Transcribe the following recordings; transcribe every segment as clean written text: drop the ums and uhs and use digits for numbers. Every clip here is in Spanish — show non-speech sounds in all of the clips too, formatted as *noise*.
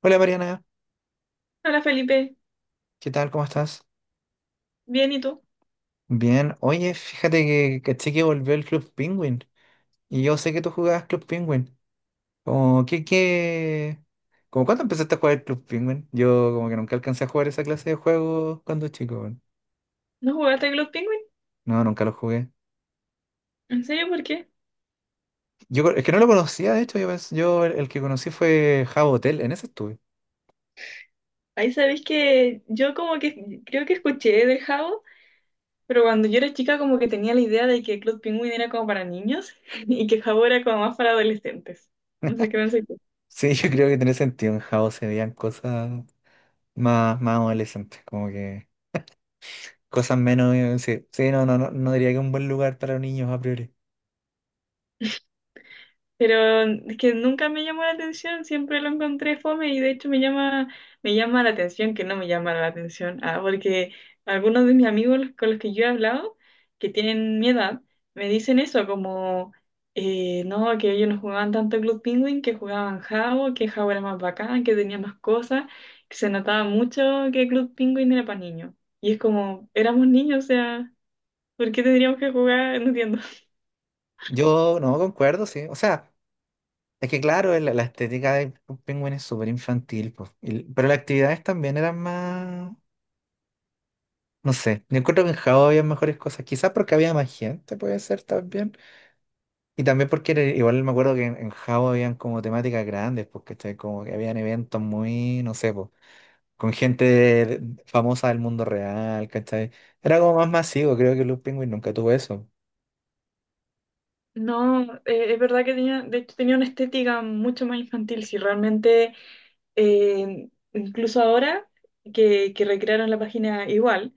Hola Mariana, Hola Felipe, ¿qué tal? ¿Cómo estás? bien, ¿y tú? Bien, oye, fíjate que caché que volvió el Club Penguin y yo sé que tú jugabas Club Penguin. Como, ¿qué? ¿Cómo cuándo empezaste a jugar el Club Penguin? Yo como que nunca alcancé a jugar esa clase de juegos cuando chico, weón. ¿No jugaste a Glock Penguin? No, nunca lo jugué. ¿En serio? ¿Por qué? Es que no lo conocía, de hecho, yo el que conocí fue Jabo Hotel, en ese estuve. Ahí sabéis que yo como que creo que escuché de Jabo, pero cuando yo era chica como que tenía la idea de que Glock Penguin era como para niños *laughs* y que Jabo era como más para adolescentes. No sé qué pensé. Sí, *laughs* yo creo que tiene sentido, en Jabo se veían cosas más adolescentes, como que cosas menos. Sí, sí, no, no, no, no diría que es un buen lugar para niños a priori. Pero es que nunca me llamó la atención, siempre lo encontré fome y de hecho me llama la atención que no me llama la atención, ah, porque algunos de mis amigos los- con los que yo he hablado, que tienen mi edad, me dicen eso, como, no, que ellos no jugaban tanto Club Penguin, que jugaban Jabo, que Jabo era más bacán, que tenía más cosas, que se notaba mucho que Club Penguin era para niños. Y es como, éramos niños, o sea, ¿por qué tendríamos que jugar? *laughs* No entiendo. Yo no concuerdo, sí. O sea, es que claro, la estética de Penguin es súper infantil, pues. Pero las actividades también eran más, no sé, yo encuentro que en Jao había mejores cosas, quizás porque había más gente, puede ser también, y también porque igual me acuerdo que en Jao habían como temáticas grandes, porque como que habían eventos muy, no sé, pues con gente famosa del mundo real, ¿cachai? Era como más masivo, creo que Los Penguin nunca tuvo eso. No, es verdad que tenía, de hecho tenía una estética mucho más infantil, si realmente, incluso ahora que recrearon la página igual,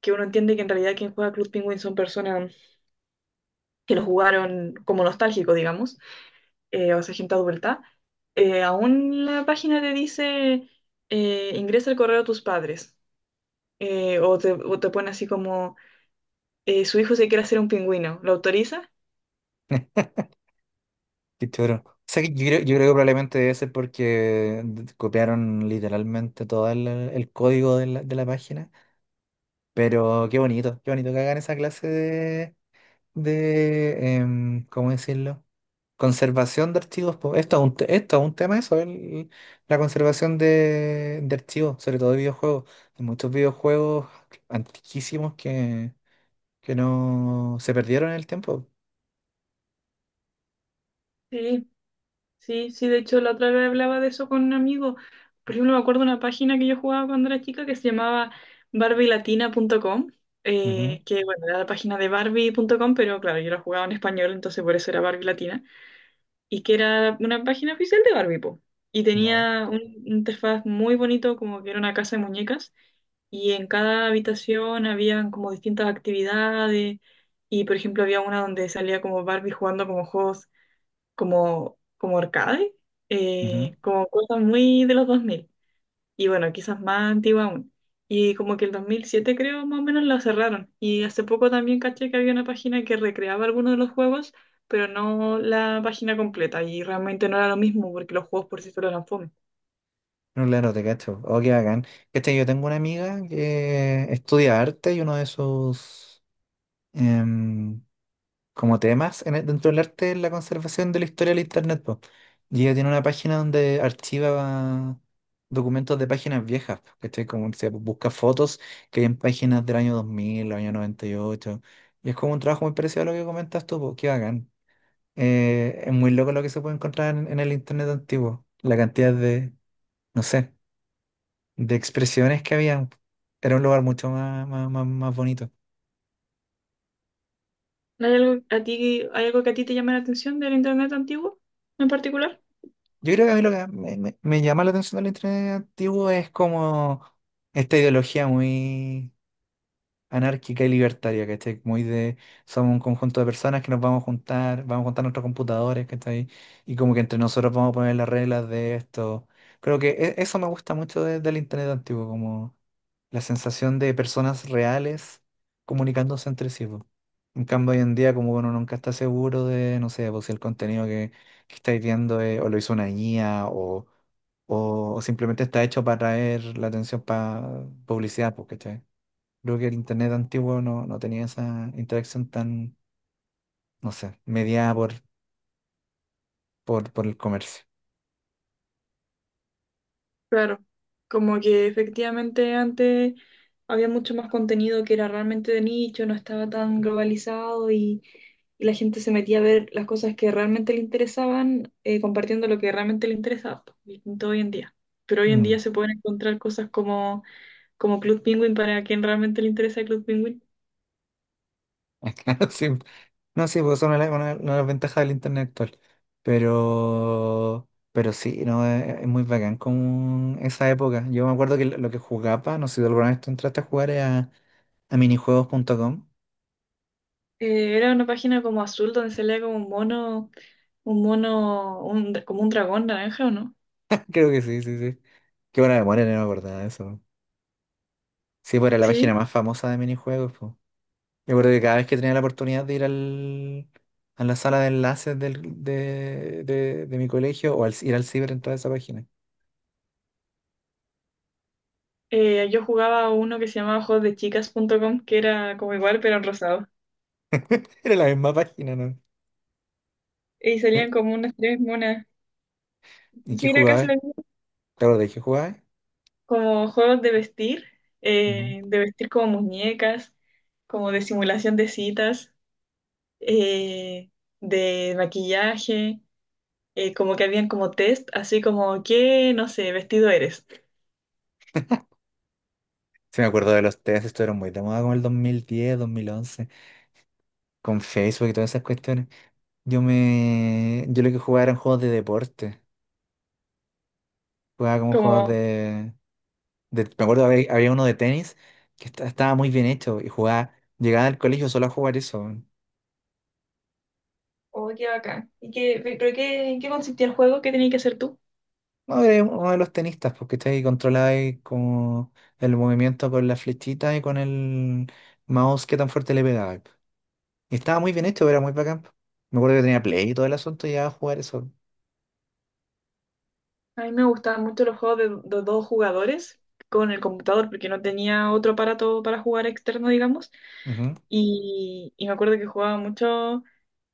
que uno entiende que en realidad quien juega Club Penguin son personas que lo jugaron como nostálgico, digamos, o sea, gente adulta, aún la página te dice, ingresa el correo de tus padres, o te pone así como, su hijo se quiere hacer un pingüino, ¿lo autoriza? Qué choro. O sea, que yo creo que probablemente debe ser porque copiaron literalmente todo el código de la página. Pero qué bonito que hagan esa clase de, de ¿cómo decirlo? Conservación de archivos, po. Esto es un tema eso, la conservación de archivos, sobre todo de videojuegos. Hay muchos videojuegos antiquísimos que no se perdieron en el tiempo. Sí. Sí, sí, de hecho la otra vez hablaba de eso con un amigo. Por ejemplo, me acuerdo de una página que yo jugaba cuando era chica que se llamaba barbilatina.com, Ujú, que bueno, era la página de barbie.com, pero claro, yo la jugaba en español, entonces por eso era Barbie Latina, y que era una página oficial de Barbie, po. Y ya. tenía un interfaz muy bonito, como que era una casa de muñecas, y en cada habitación habían como distintas actividades, y por ejemplo había una donde salía como Barbie jugando como juegos como, como arcade, Ujú. Como cosas muy de los 2000 y bueno, quizás más antigua aún. Y como que el 2007 creo, más o menos la cerraron. Y hace poco también caché que había una página que recreaba algunos de los juegos, pero no la página completa, y realmente no era lo mismo porque los juegos por sí solos eran fome. No, claro, te cacho. Oh, qué bacán. Este, yo tengo una amiga que estudia arte y uno de sus em, como temas dentro del arte es la conservación de la historia del internet, po. Y ella tiene una página donde archiva documentos de páginas viejas, po, ¿cachai? Como se busca fotos que hay en páginas del año 2000, año 98. Y ocho. Y es como un trabajo muy parecido a lo que comentas tú, po. Qué bacán. Es muy loco lo que se puede encontrar en el internet antiguo. La cantidad de, no sé, de expresiones que había. Era un lugar mucho más, más, más, más bonito. ¿Hay algo, a ti, hay algo que a ti te llama la atención del internet antiguo en particular? Yo creo que a mí lo que me llama la atención del internet antiguo es como esta ideología muy anárquica y libertaria, ¿cachai? Muy de somos un conjunto de personas que nos vamos a juntar nuestros computadores, ¿cachai? Y como que entre nosotros vamos a poner las reglas de esto. Creo que eso me gusta mucho del internet antiguo, como la sensación de personas reales comunicándose entre sí, po. En cambio, hoy en día, como uno nunca está seguro de, no sé, pues, si el contenido que estáis viendo es, o lo hizo una IA, o simplemente está hecho para traer la atención para publicidad, porque creo que el internet antiguo no tenía esa interacción tan, no sé, mediada por el comercio. Claro, como que efectivamente antes había mucho más contenido que era realmente de nicho, no estaba tan globalizado y la gente se metía a ver las cosas que realmente le interesaban, compartiendo lo que realmente le interesaba, pues, distinto hoy en día. Pero hoy en Mm. día se pueden encontrar cosas como, como Club Penguin para quien realmente le interesa Club Penguin. *laughs* Claro, sí. No, sí, pues son una de las ventajas del internet actual. Pero, pero sí, no, es muy bacán con esa época. Yo me acuerdo que lo que jugaba, no sé si alguna vez tú entraste a jugar a, minijuegos.com. Era una página como azul donde se leía como un mono, un mono, un- como un dragón naranja, ¿o no? *laughs* Creo que sí, sí, sí. Qué buena memoria, no me acordaba de eso. Sí, pues era la página Sí. más famosa de minijuegos, pues. Yo acuerdo que cada vez que tenía la oportunidad de ir a la sala de enlaces de mi colegio o ir al ciber, entraba a esa página. Yo jugaba uno que se llamaba juegosdechicas.com, que era como igual, pero en rosado. *laughs* Era la misma página, ¿no? Y salían como unas tres monas. ¿Y qué Sí, era casi jugabas? lo mismo. ¿Te acuerdas de qué jugabas? Como juegos Ujú. De vestir como muñecas, como de simulación de citas, eh, de maquillaje, como que habían como test, así como, ¿qué, no sé, vestido eres? Sí, me acuerdo de los test, esto era muy de moda como el 2010, 2011, con Facebook y todas esas cuestiones. Yo lo que jugaba eran juegos de deporte. Jugaba como juegos. Como, Me acuerdo, había uno de tenis que estaba muy bien hecho y jugaba. Llegaba al colegio solo a jugar eso. oh, qué bacán. ¿Y qué, pero qué, en qué consistía el juego? ¿Qué tenías que hacer tú? No, era uno de los tenistas, porque está ahí controlaba ahí como el movimiento con la flechita y con el mouse que tan fuerte le pegaba. Y estaba muy bien hecho, era muy bacán. Me acuerdo que tenía play y todo el asunto y llegaba a jugar eso. A mí me gustaban mucho los juegos de dos jugadores con el computador, porque no tenía otro aparato para jugar externo, digamos. Ujú. Y me acuerdo que jugaba mucho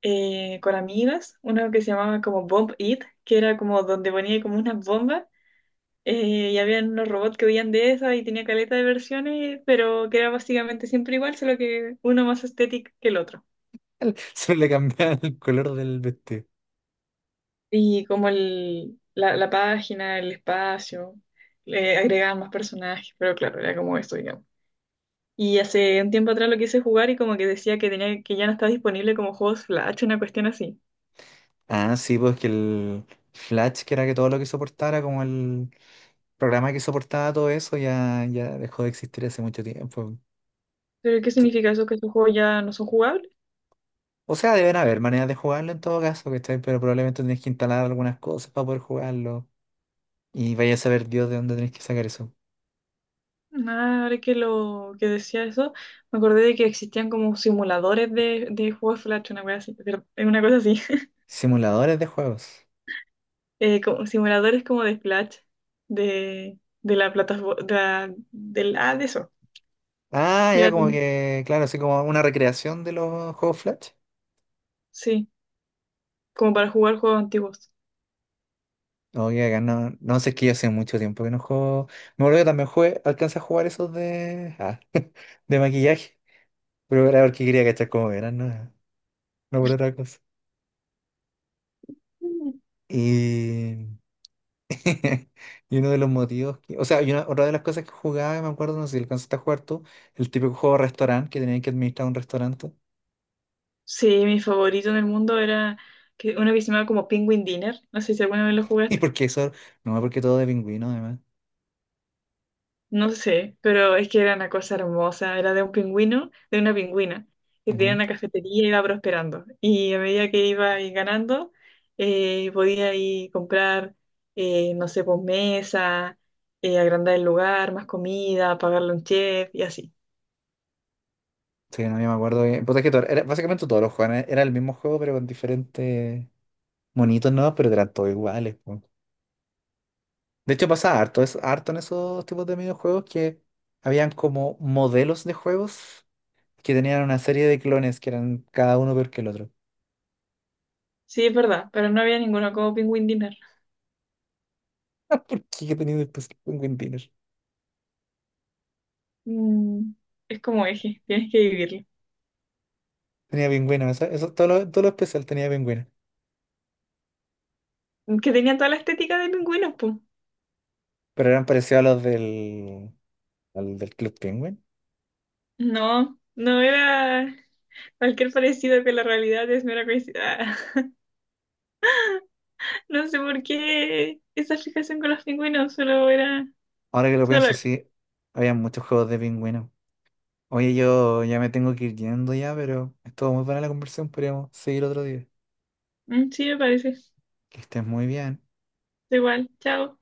con amigas, uno que se llamaba como Bomb It, que era como donde ponía como unas bombas y había unos robots que huían de esas y tenía caleta de versiones, pero que era básicamente siempre igual, solo que uno más estético que el otro. *laughs* Solo le cambiaban el color del vestido. Y como el, la página, el espacio, le agregaban más personajes, pero claro, era como esto, digamos. Y hace un tiempo atrás lo quise jugar y como que decía que tenía que ya no está disponible como juegos Flash, una cuestión así. Ah, sí, pues que el Flash, que era que todo lo que soportara, como el programa que soportaba todo eso, ya, ya dejó de existir hace mucho tiempo. ¿Pero qué significa eso? ¿Que esos juegos ya no son jugables? O sea, deben haber maneras de jugarlo en todo caso, ¿cachai? Pero probablemente tenés que instalar algunas cosas para poder jugarlo. Y vaya a saber Dios de dónde tenés que sacar eso. Nada, ahora que lo que decía eso, me acordé de que existían como simuladores de juegos Flash, una cosa así, pero- una cosa así. *laughs* Simuladores de juegos. Como simuladores como de Flash, de la plataforma, de la, del- ah, de eso. Ah, De ya la- como que, claro, así como una recreación de los juegos Flash. sí, como para jugar juegos antiguos. Oye, acá no, no sé, es que yo hace mucho tiempo que no juego. Me acuerdo que también jugué, alcancé a jugar esos de, ah, *laughs* de maquillaje. Pero era porque quería cachar cómo eran, no, no por otra cosa. Y, *laughs* y uno de los motivos, o sea, y otra de las cosas que jugaba, me acuerdo, no sé si alcanzaste a jugar tú, el típico juego de restaurante que tenían que administrar un restaurante. *laughs* Sí, mi favorito en el mundo era que uno que se llamaba como Penguin Dinner. No sé si alguna vez lo Y jugaste. porque eso, no, porque todo de pingüino, además. No sé, pero es que era una cosa hermosa. Era de un pingüino, de una pingüina, que tenía Ujú. una cafetería y iba prosperando. Y a medida que iba ahí ganando, podía ir comprar, no sé, pues mesa, agrandar el lugar, más comida, pagarle un chef y así. Sí, no, yo me acuerdo bien. Puta, es que era, básicamente todos los juegos era el mismo juego, pero con diferentes monitos, ¿no? Pero eran todos iguales. De hecho, pasaba harto, harto en esos tipos de videojuegos que habían como modelos de juegos que tenían una serie de clones que eran cada uno peor que el otro. Sí, es verdad, pero no había ninguno como Penguin Dinner. *laughs* ¿Por qué tenía después Penguin Dinner? Mm, es como eje, tienes que vivirlo. Tenía pingüinos, todo lo especial tenía pingüinos. Que tenía toda la estética de pingüinos, pues. Pero eran parecidos a los al del Club Penguin. No, no era cualquier parecido con la realidad, es mera coincidencia. *laughs* No sé por qué esa fijación con los pingüinos, solo era, Ahora que lo solo pienso, era. sí, había muchos juegos de pingüinos. Oye, yo ya me tengo que ir yendo ya, pero estuvo muy buena la conversación, podríamos seguir otro día. Mm, sí, me parece. Que estés muy bien. Da Igual, chao.